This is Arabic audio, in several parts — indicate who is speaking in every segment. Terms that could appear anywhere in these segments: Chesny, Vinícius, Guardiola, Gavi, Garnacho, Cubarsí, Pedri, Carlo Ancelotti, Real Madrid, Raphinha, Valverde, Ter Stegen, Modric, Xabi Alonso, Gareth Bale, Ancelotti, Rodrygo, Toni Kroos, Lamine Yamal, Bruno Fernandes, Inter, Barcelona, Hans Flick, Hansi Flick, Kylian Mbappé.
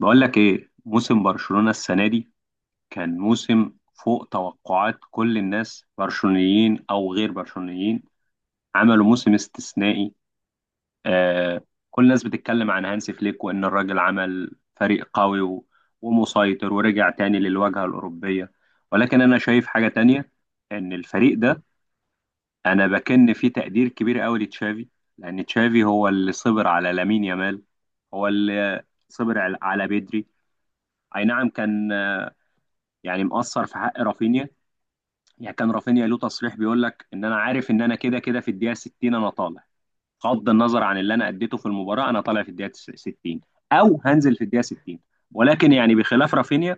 Speaker 1: بقول لك ايه موسم برشلونة السنة دي؟ كان موسم فوق توقعات كل الناس، برشلونيين او غير برشلونيين. عملوا موسم استثنائي. آه كل الناس بتتكلم عن هانسي فليك وان الراجل عمل فريق قوي ومسيطر ورجع تاني للواجهة الأوروبية. ولكن انا شايف حاجة تانية، ان الفريق ده، انا بكن فيه تقدير كبير قوي لتشافي. لان تشافي هو اللي صبر على لامين يامال، هو اللي صبر على بيدري. اي نعم، كان يعني مقصر في حق رافينيا. يعني كان رافينيا له تصريح بيقول لك ان انا عارف ان انا كده كده في الدقيقه 60 انا طالع. بغض النظر عن اللي انا اديته في المباراه، انا طالع في الدقيقه 60 او هنزل في الدقيقه 60. ولكن يعني بخلاف رافينيا،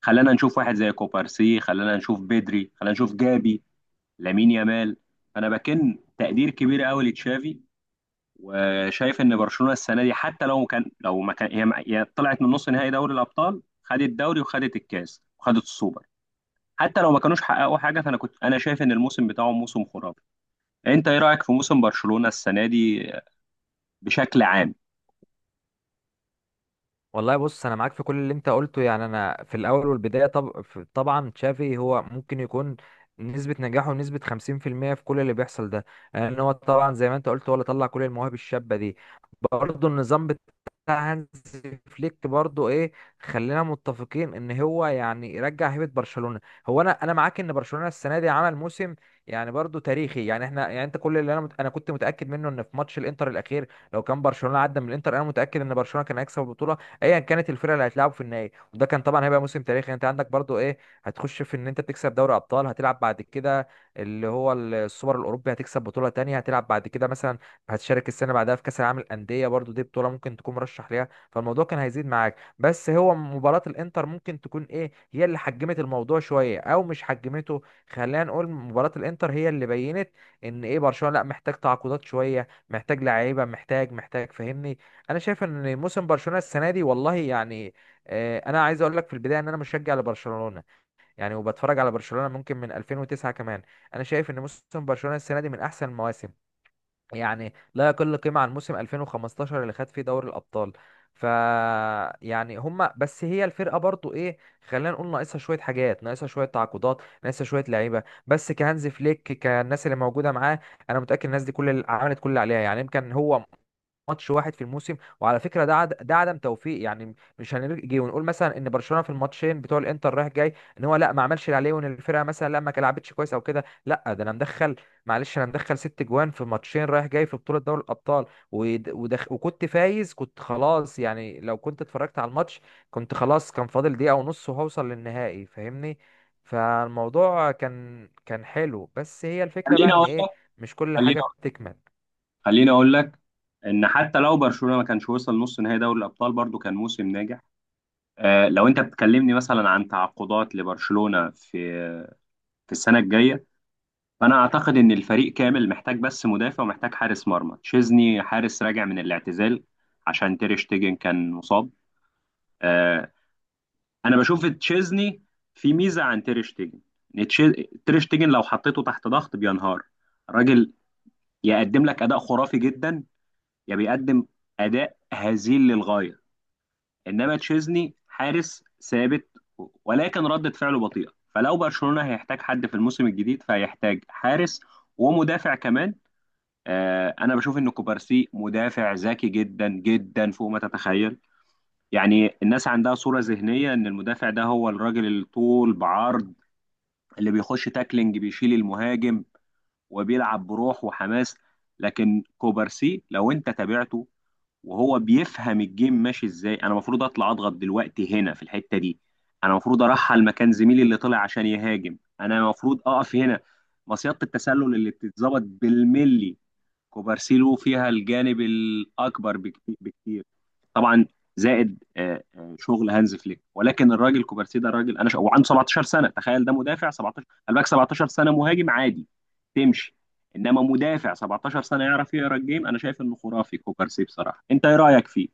Speaker 1: خلانا نشوف واحد زي كوبارسي، خلانا نشوف بدري، خلانا نشوف جابي، لامين يامال. انا بكن تقدير كبير قوي لتشافي، وشايف ان برشلونه السنه دي حتى لو كان، لو ما كان هي طلعت من نص نهائي دوري الابطال، خدت الدوري وخدت الكاس وخدت السوبر. حتى لو ما كانوش حققوا حاجه، فانا كنت، انا شايف ان الموسم بتاعهم موسم خرافي. انت ايه رايك في موسم برشلونه السنه دي بشكل عام؟
Speaker 2: والله بص، انا معاك في كل اللي انت قلته. يعني انا في الاول والبدايه، طبعا تشافي هو ممكن يكون نسبه نجاحه نسبه 50% في المية في كل اللي بيحصل ده. لان هو طبعا زي ما انت قلت، هو اللي طلع كل المواهب الشابه دي. برضه النظام بتاع هانز فليك، برضه ايه، خلينا متفقين ان هو يعني يرجع هيبه برشلونه. هو انا معاك ان برشلونه السنه دي عمل موسم يعني برضه تاريخي. يعني احنا، يعني انت، كل اللي انا كنت متاكد منه ان في ماتش الانتر الاخير، لو كان برشلونه عدى من الانتر انا متاكد ان برشلونه كان هيكسب البطوله ايا كانت الفرقه اللي هتلعبوا في النهائي. وده كان طبعا هيبقى موسم تاريخي. يعني انت عندك برضو ايه، هتخش في ان انت تكسب دوري ابطال، هتلعب بعد كده اللي هو السوبر الاوروبي، هتكسب بطوله تانية، هتلعب بعد كده مثلا هتشارك السنه بعدها في كاس العالم للانديه، برضو دي بطوله ممكن تكون مرشح ليها. فالموضوع كان هيزيد معاك، بس هو مباراه الانتر ممكن تكون ايه، هي اللي حجمت الموضوع شويه او مش حجمته. خلينا نقول مباراه الانتر هي اللي بينت ان ايه، برشلونه لا محتاج تعاقدات شويه، محتاج لعيبه، محتاج، فاهمني. انا شايف ان موسم برشلونه السنه دي والله يعني، آه، انا عايز اقول لك في البدايه ان انا مشجع لبرشلونه. يعني وبتفرج على برشلونه ممكن من 2009 كمان. انا شايف ان موسم برشلونه السنه دي من احسن المواسم، يعني لا يقل قيمه عن موسم 2015 اللي خد فيه دوري الابطال. ف يعني هما بس هي الفرقه برضو ايه، خلينا نقول ناقصها شويه حاجات، ناقصها شويه تعاقدات، ناقصها شويه لعيبه. بس كهانز فليك، كالناس اللي موجوده معاه، انا متاكد الناس دي كل اللي عملت كل اللي عليها. يعني يمكن هو ماتش واحد في الموسم، وعلى فكره ده ده عدم توفيق. يعني مش هنيجي ونقول مثلا ان برشلونه في الماتشين بتوع الانتر رايح جاي ان هو لا، ما عملش اللي عليه، وان الفرقه مثلا لا ما لعبتش كويس او كده. لا، ده انا مدخل، معلش، انا مدخل ست جوان في ماتشين رايح جاي في بطوله دوري الابطال. وكنت فايز، كنت خلاص. يعني لو كنت اتفرجت على الماتش، كنت خلاص كان فاضل دقيقه ونص وهوصل للنهائي، فاهمني. فالموضوع كان حلو، بس هي الفكره بقى
Speaker 1: خليني
Speaker 2: ان
Speaker 1: اقول
Speaker 2: ايه،
Speaker 1: لك،
Speaker 2: مش كل
Speaker 1: خليني
Speaker 2: حاجه
Speaker 1: أقول-
Speaker 2: بتكمل.
Speaker 1: خليني اقول لك ان حتى لو برشلونه ما كانش وصل نص نهائي دوري الابطال، برضو كان موسم ناجح. آه، لو انت بتكلمني مثلا عن تعاقدات لبرشلونه في السنه الجايه، فانا اعتقد ان الفريق كامل محتاج بس مدافع ومحتاج حارس مرمى. تشيزني حارس راجع من الاعتزال عشان تير شتيجن كان مصاب. آه، انا بشوف تشيزني في ميزه عن تير شتيجن. ان تير شتيجن لو حطيته تحت ضغط بينهار. الراجل يقدم لك اداء خرافي جدا، يا بيقدم اداء هزيل للغايه. انما تشيزني حارس ثابت، ولكن ردة فعله بطيئه. فلو برشلونه هيحتاج حد في الموسم الجديد، فهيحتاج حارس ومدافع كمان. انا بشوف ان كوبارسي مدافع ذكي جدا جدا فوق ما تتخيل. يعني الناس عندها صورة ذهنية إن المدافع ده هو الراجل اللي طول بعرض، اللي بيخش تاكلينج بيشيل المهاجم وبيلعب بروح وحماس. لكن كوبارسي لو انت تابعته، وهو بيفهم الجيم ماشي ازاي، انا المفروض اطلع اضغط دلوقتي هنا في الحتة دي، انا المفروض ارحل مكان زميلي اللي طلع عشان يهاجم، انا المفروض اقف هنا. مصيدة التسلل اللي بتتظبط بالملي، كوبارسي له فيها الجانب الاكبر بكتير. طبعا، زائد شغل هانز فليك. ولكن الراجل كوبارسي ده راجل، وعنده 17 سنه. تخيل، ده مدافع 17، قال لك 17 سنه مهاجم عادي، تمشي. انما مدافع 17 سنه يعرف يقرا الجيم، انا شايف انه خرافي كوبارسي بصراحه. انت ايه رايك فيه؟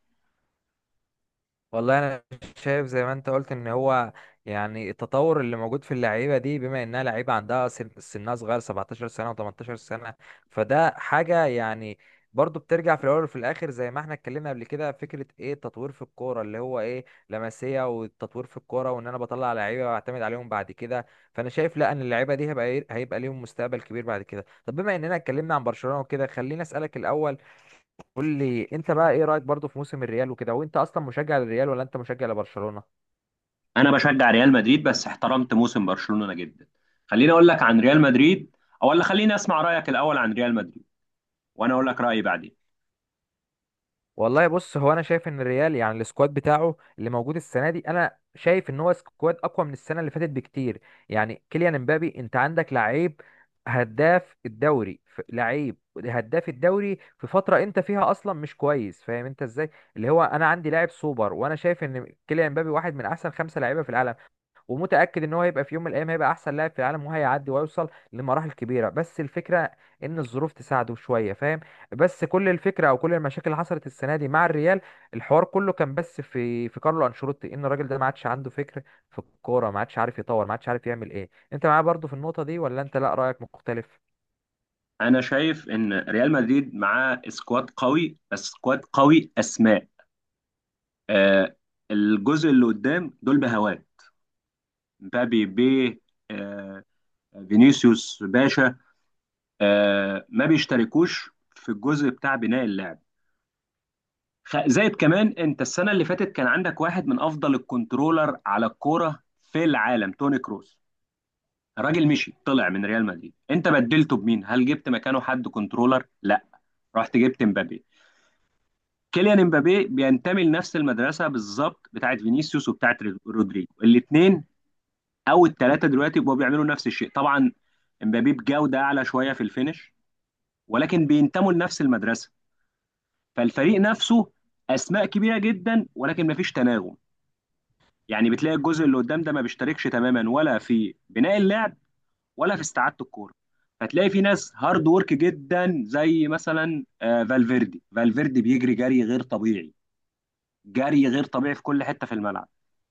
Speaker 2: والله انا شايف زي ما انت قلت ان هو يعني التطور اللي موجود في اللعيبه دي، بما انها لعيبه عندها سنها صغير، 17 سنه و18 سنه، فده حاجه يعني. برضو بترجع في الاول وفي الاخر زي ما احنا اتكلمنا قبل كده، فكره ايه التطوير في الكوره اللي هو ايه لمسيه، والتطوير في الكوره، وان انا بطلع لعيبه واعتمد عليهم بعد كده. فانا شايف لا، ان اللعيبه دي هيبقى إيه، هيبقى ليهم مستقبل كبير بعد كده. طب بما اننا اتكلمنا عن برشلونه وكده، خليني اسالك الاول، قول لي انت بقى ايه رايك برضو في موسم الريال وكده، وانت اصلا مشجع للريال ولا انت مشجع لبرشلونه؟
Speaker 1: انا بشجع ريال مدريد بس احترمت موسم برشلونة جدا. خليني اقول لك عن ريال مدريد، او ولا خليني اسمع رايك الاول عن ريال مدريد وانا اقول لك رايي بعدين.
Speaker 2: والله بص، هو انا شايف ان الريال يعني السكواد بتاعه اللي موجود السنه دي، انا شايف ان هو سكواد اقوى من السنه اللي فاتت بكتير. يعني كيليان امبابي، انت عندك لعيب هداف الدوري، لعيب هداف الدوري في فتره انت فيها اصلا مش كويس، فاهم انت ازاي، اللي هو انا عندي لاعب سوبر. وانا شايف ان كيليان امبابي واحد من احسن خمسه لعيبه في العالم، ومتأكد ان هو هيبقى في يوم من الايام هيبقى احسن لاعب في العالم، وهيعدي وهيوصل لمراحل كبيرة. بس الفكرة ان الظروف تساعده شوية، فاهم. بس كل الفكرة او كل المشاكل اللي حصلت السنة دي مع الريال، الحوار كله كان بس في كارلو انشيلوتي، ان الراجل ده ما عادش عنده فكر في الكورة، ما عادش عارف يطور، ما عادش عارف يعمل ايه. انت معايا برضو في النقطة دي ولا انت لا رأيك مختلف؟
Speaker 1: انا شايف ان ريال مدريد معاه سكواد قوي، بس سكواد قوي اسماء. آه الجزء اللي قدام دول بهواه. مبابي بيه، آه فينيسيوس باشا. ما بيشتركوش في الجزء بتاع بناء اللعب. زائد كمان، انت السنه اللي فاتت كان عندك واحد من افضل الكنترولر على الكوره في العالم، توني كروس. الراجل مشي طلع من ريال مدريد، انت بدلته بمين؟ هل جبت مكانه حد كنترولر؟ لا، رحت جبت مبابي. كيليان امبابي بينتمي لنفس المدرسه بالظبط بتاعت فينيسيوس وبتاعت رودريجو. الاثنين او الثلاثه دلوقتي بقوا بيعملوا نفس الشيء. طبعا امبابي بجوده اعلى شويه في الفينش، ولكن بينتموا لنفس المدرسه. فالفريق نفسه اسماء كبيره جدا ولكن مفيش تناغم. يعني بتلاقي الجزء اللي قدام ده ما بيشتركش تماما، ولا في بناء اللعب ولا في استعاده الكوره. فتلاقي في ناس هارد ورك جدا، زي مثلا فالفيردي بيجري جري غير طبيعي، جري غير طبيعي في كل حته في الملعب،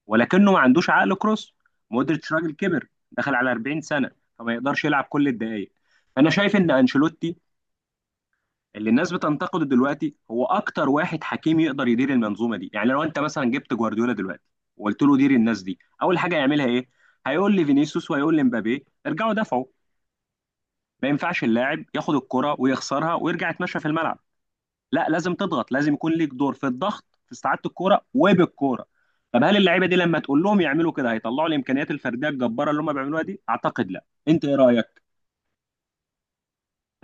Speaker 1: ولكنه ما عندوش عقل كروس. مودريتش راجل كبر، دخل على 40 سنه، فما يقدرش يلعب كل الدقائق. انا شايف ان انشيلوتي اللي الناس بتنتقده دلوقتي، هو اكتر واحد حكيم يقدر يدير المنظومه دي. يعني لو انت مثلا جبت جوارديولا دلوقتي، وقلت له دير الناس دي، اول حاجه يعملها ايه؟ هيقول لي فينيسيوس وهيقول لي مبابي ارجعوا دافعوا. ما ينفعش اللاعب ياخد الكرة ويخسرها ويرجع يتمشى في الملعب. لا، لازم تضغط، لازم يكون ليك دور في الضغط في استعاده الكوره وبالكوره. طب هل اللعيبه دي لما تقول لهم يعملوا كده هيطلعوا الامكانيات الفرديه الجباره اللي هم بيعملوها دي؟ اعتقد لا. انت ايه رايك؟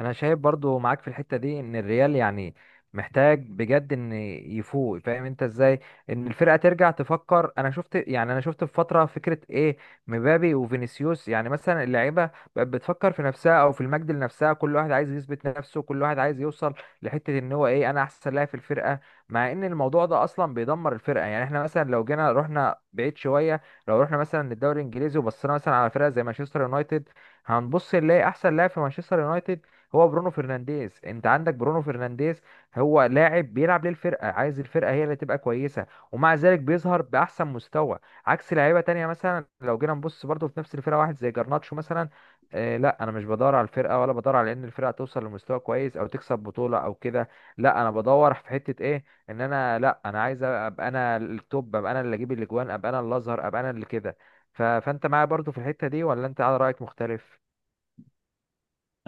Speaker 2: انا شايف برضو معاك في الحتة دي ان الريال يعني محتاج بجد ان يفوق، فاهم انت ازاي، ان الفرقة ترجع تفكر. انا شفت يعني انا شفت في فترة فكرة ايه، مبابي وفينيسيوس، يعني مثلا اللعيبة بقت بتفكر في نفسها او في المجد لنفسها، كل واحد عايز يثبت نفسه، كل واحد عايز يوصل لحتة ان هو ايه، انا احسن لاعب في الفرقة. مع ان الموضوع ده اصلا بيدمر الفرقة. يعني احنا مثلا لو جينا رحنا بعيد شوية، لو رحنا مثلا للدوري الانجليزي وبصينا مثلا على فرقة زي مانشستر يونايتد، هنبص نلاقي احسن لاعب في مانشستر يونايتد هو برونو فرنانديز. انت عندك برونو فرنانديز هو لاعب بيلعب للفرقه، عايز الفرقه هي اللي تبقى كويسه، ومع ذلك بيظهر باحسن مستوى. عكس لعيبه تانية، مثلا لو جينا نبص برضو في نفس الفرقه واحد زي جرناتشو مثلا، آه لا، انا مش بدور على الفرقه، ولا بدور على ان الفرقه توصل لمستوى كويس او تكسب بطوله او كده. لا، انا بدور في حته ايه، ان انا لا، انا عايز ابقى انا التوب، ابقى انا اللي اجيب الاجوان، ابقى انا اللي اظهر، ابقى انا اللي كده. فانت معايا برضو في الحته دي ولا انت على رايك مختلف؟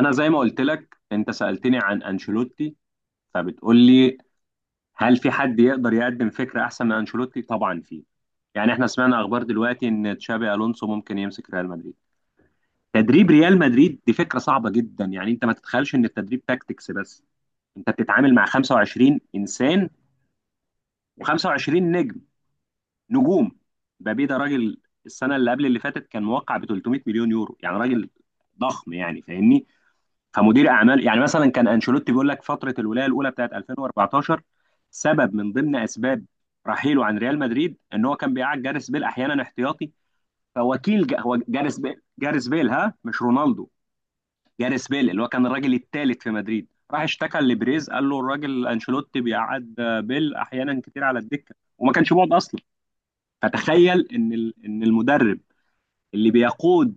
Speaker 1: انا زي ما قلت لك، انت سالتني عن انشيلوتي، فبتقول لي هل في حد يقدر يقدم فكره احسن من انشيلوتي؟ طبعا في. يعني احنا سمعنا اخبار دلوقتي ان تشابي الونسو ممكن يمسك ريال مدريد. تدريب ريال مدريد دي فكره صعبه جدا. يعني انت ما تتخيلش ان التدريب تاكتكس بس، انت بتتعامل مع 25 انسان و25 نجم، نجوم. مبابي ده راجل، السنه اللي قبل اللي فاتت كان موقع ب 300 مليون يورو. يعني راجل ضخم يعني فاهمني. فمدير اعمال، يعني مثلا كان انشيلوتي بيقول لك فتره الولايه الاولى بتاعت 2014، سبب من ضمن اسباب رحيله عن ريال مدريد ان هو كان بيقعد جاريس بيل احيانا احتياطي. هو جاريس بيل، جاريس بيل، ها، مش رونالدو. جاريس بيل اللي هو كان الراجل الثالث في مدريد، راح اشتكى لبريز، قال له الراجل انشيلوتي بيقعد بيل احيانا كتير على الدكه، وما كانش بيقعد اصلا. فتخيل ان المدرب اللي بيقود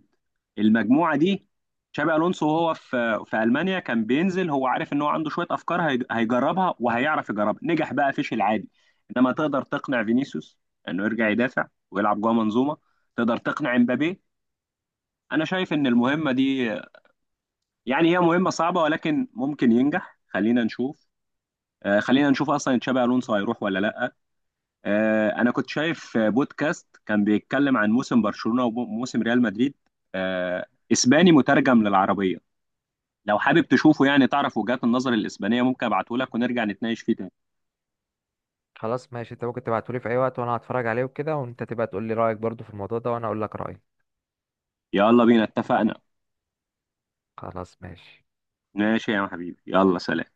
Speaker 1: المجموعه دي. شابي الونسو وهو في المانيا كان بينزل، هو عارف ان هو عنده شويه افكار هيجربها وهيعرف يجربها. نجح بقى فشل عادي. انما تقدر تقنع فينيسيوس انه يرجع يدافع ويلعب جوه منظومه؟ تقدر تقنع امبابي؟ انا شايف ان المهمه دي يعني هي مهمه صعبه ولكن ممكن ينجح. خلينا نشوف. خلينا نشوف اصلا تشابي الونسو هيروح ولا لا. انا كنت شايف بودكاست كان بيتكلم عن موسم برشلونة وموسم ريال مدريد، آه، اسباني مترجم للعربية. لو حابب تشوفه يعني تعرف وجهات النظر الاسبانية، ممكن ابعته لك ونرجع نتناقش فيه تاني.
Speaker 2: خلاص ماشي، انت ممكن تبعتولي في اي وقت، وانا هتفرج عليه وكده، وانت تبقى تقول لي رايك برضو في الموضوع ده، وانا اقول لك رايي.
Speaker 1: يلا بينا، اتفقنا.
Speaker 2: خلاص ماشي.
Speaker 1: ماشي يا حبيبي، يلا سلام.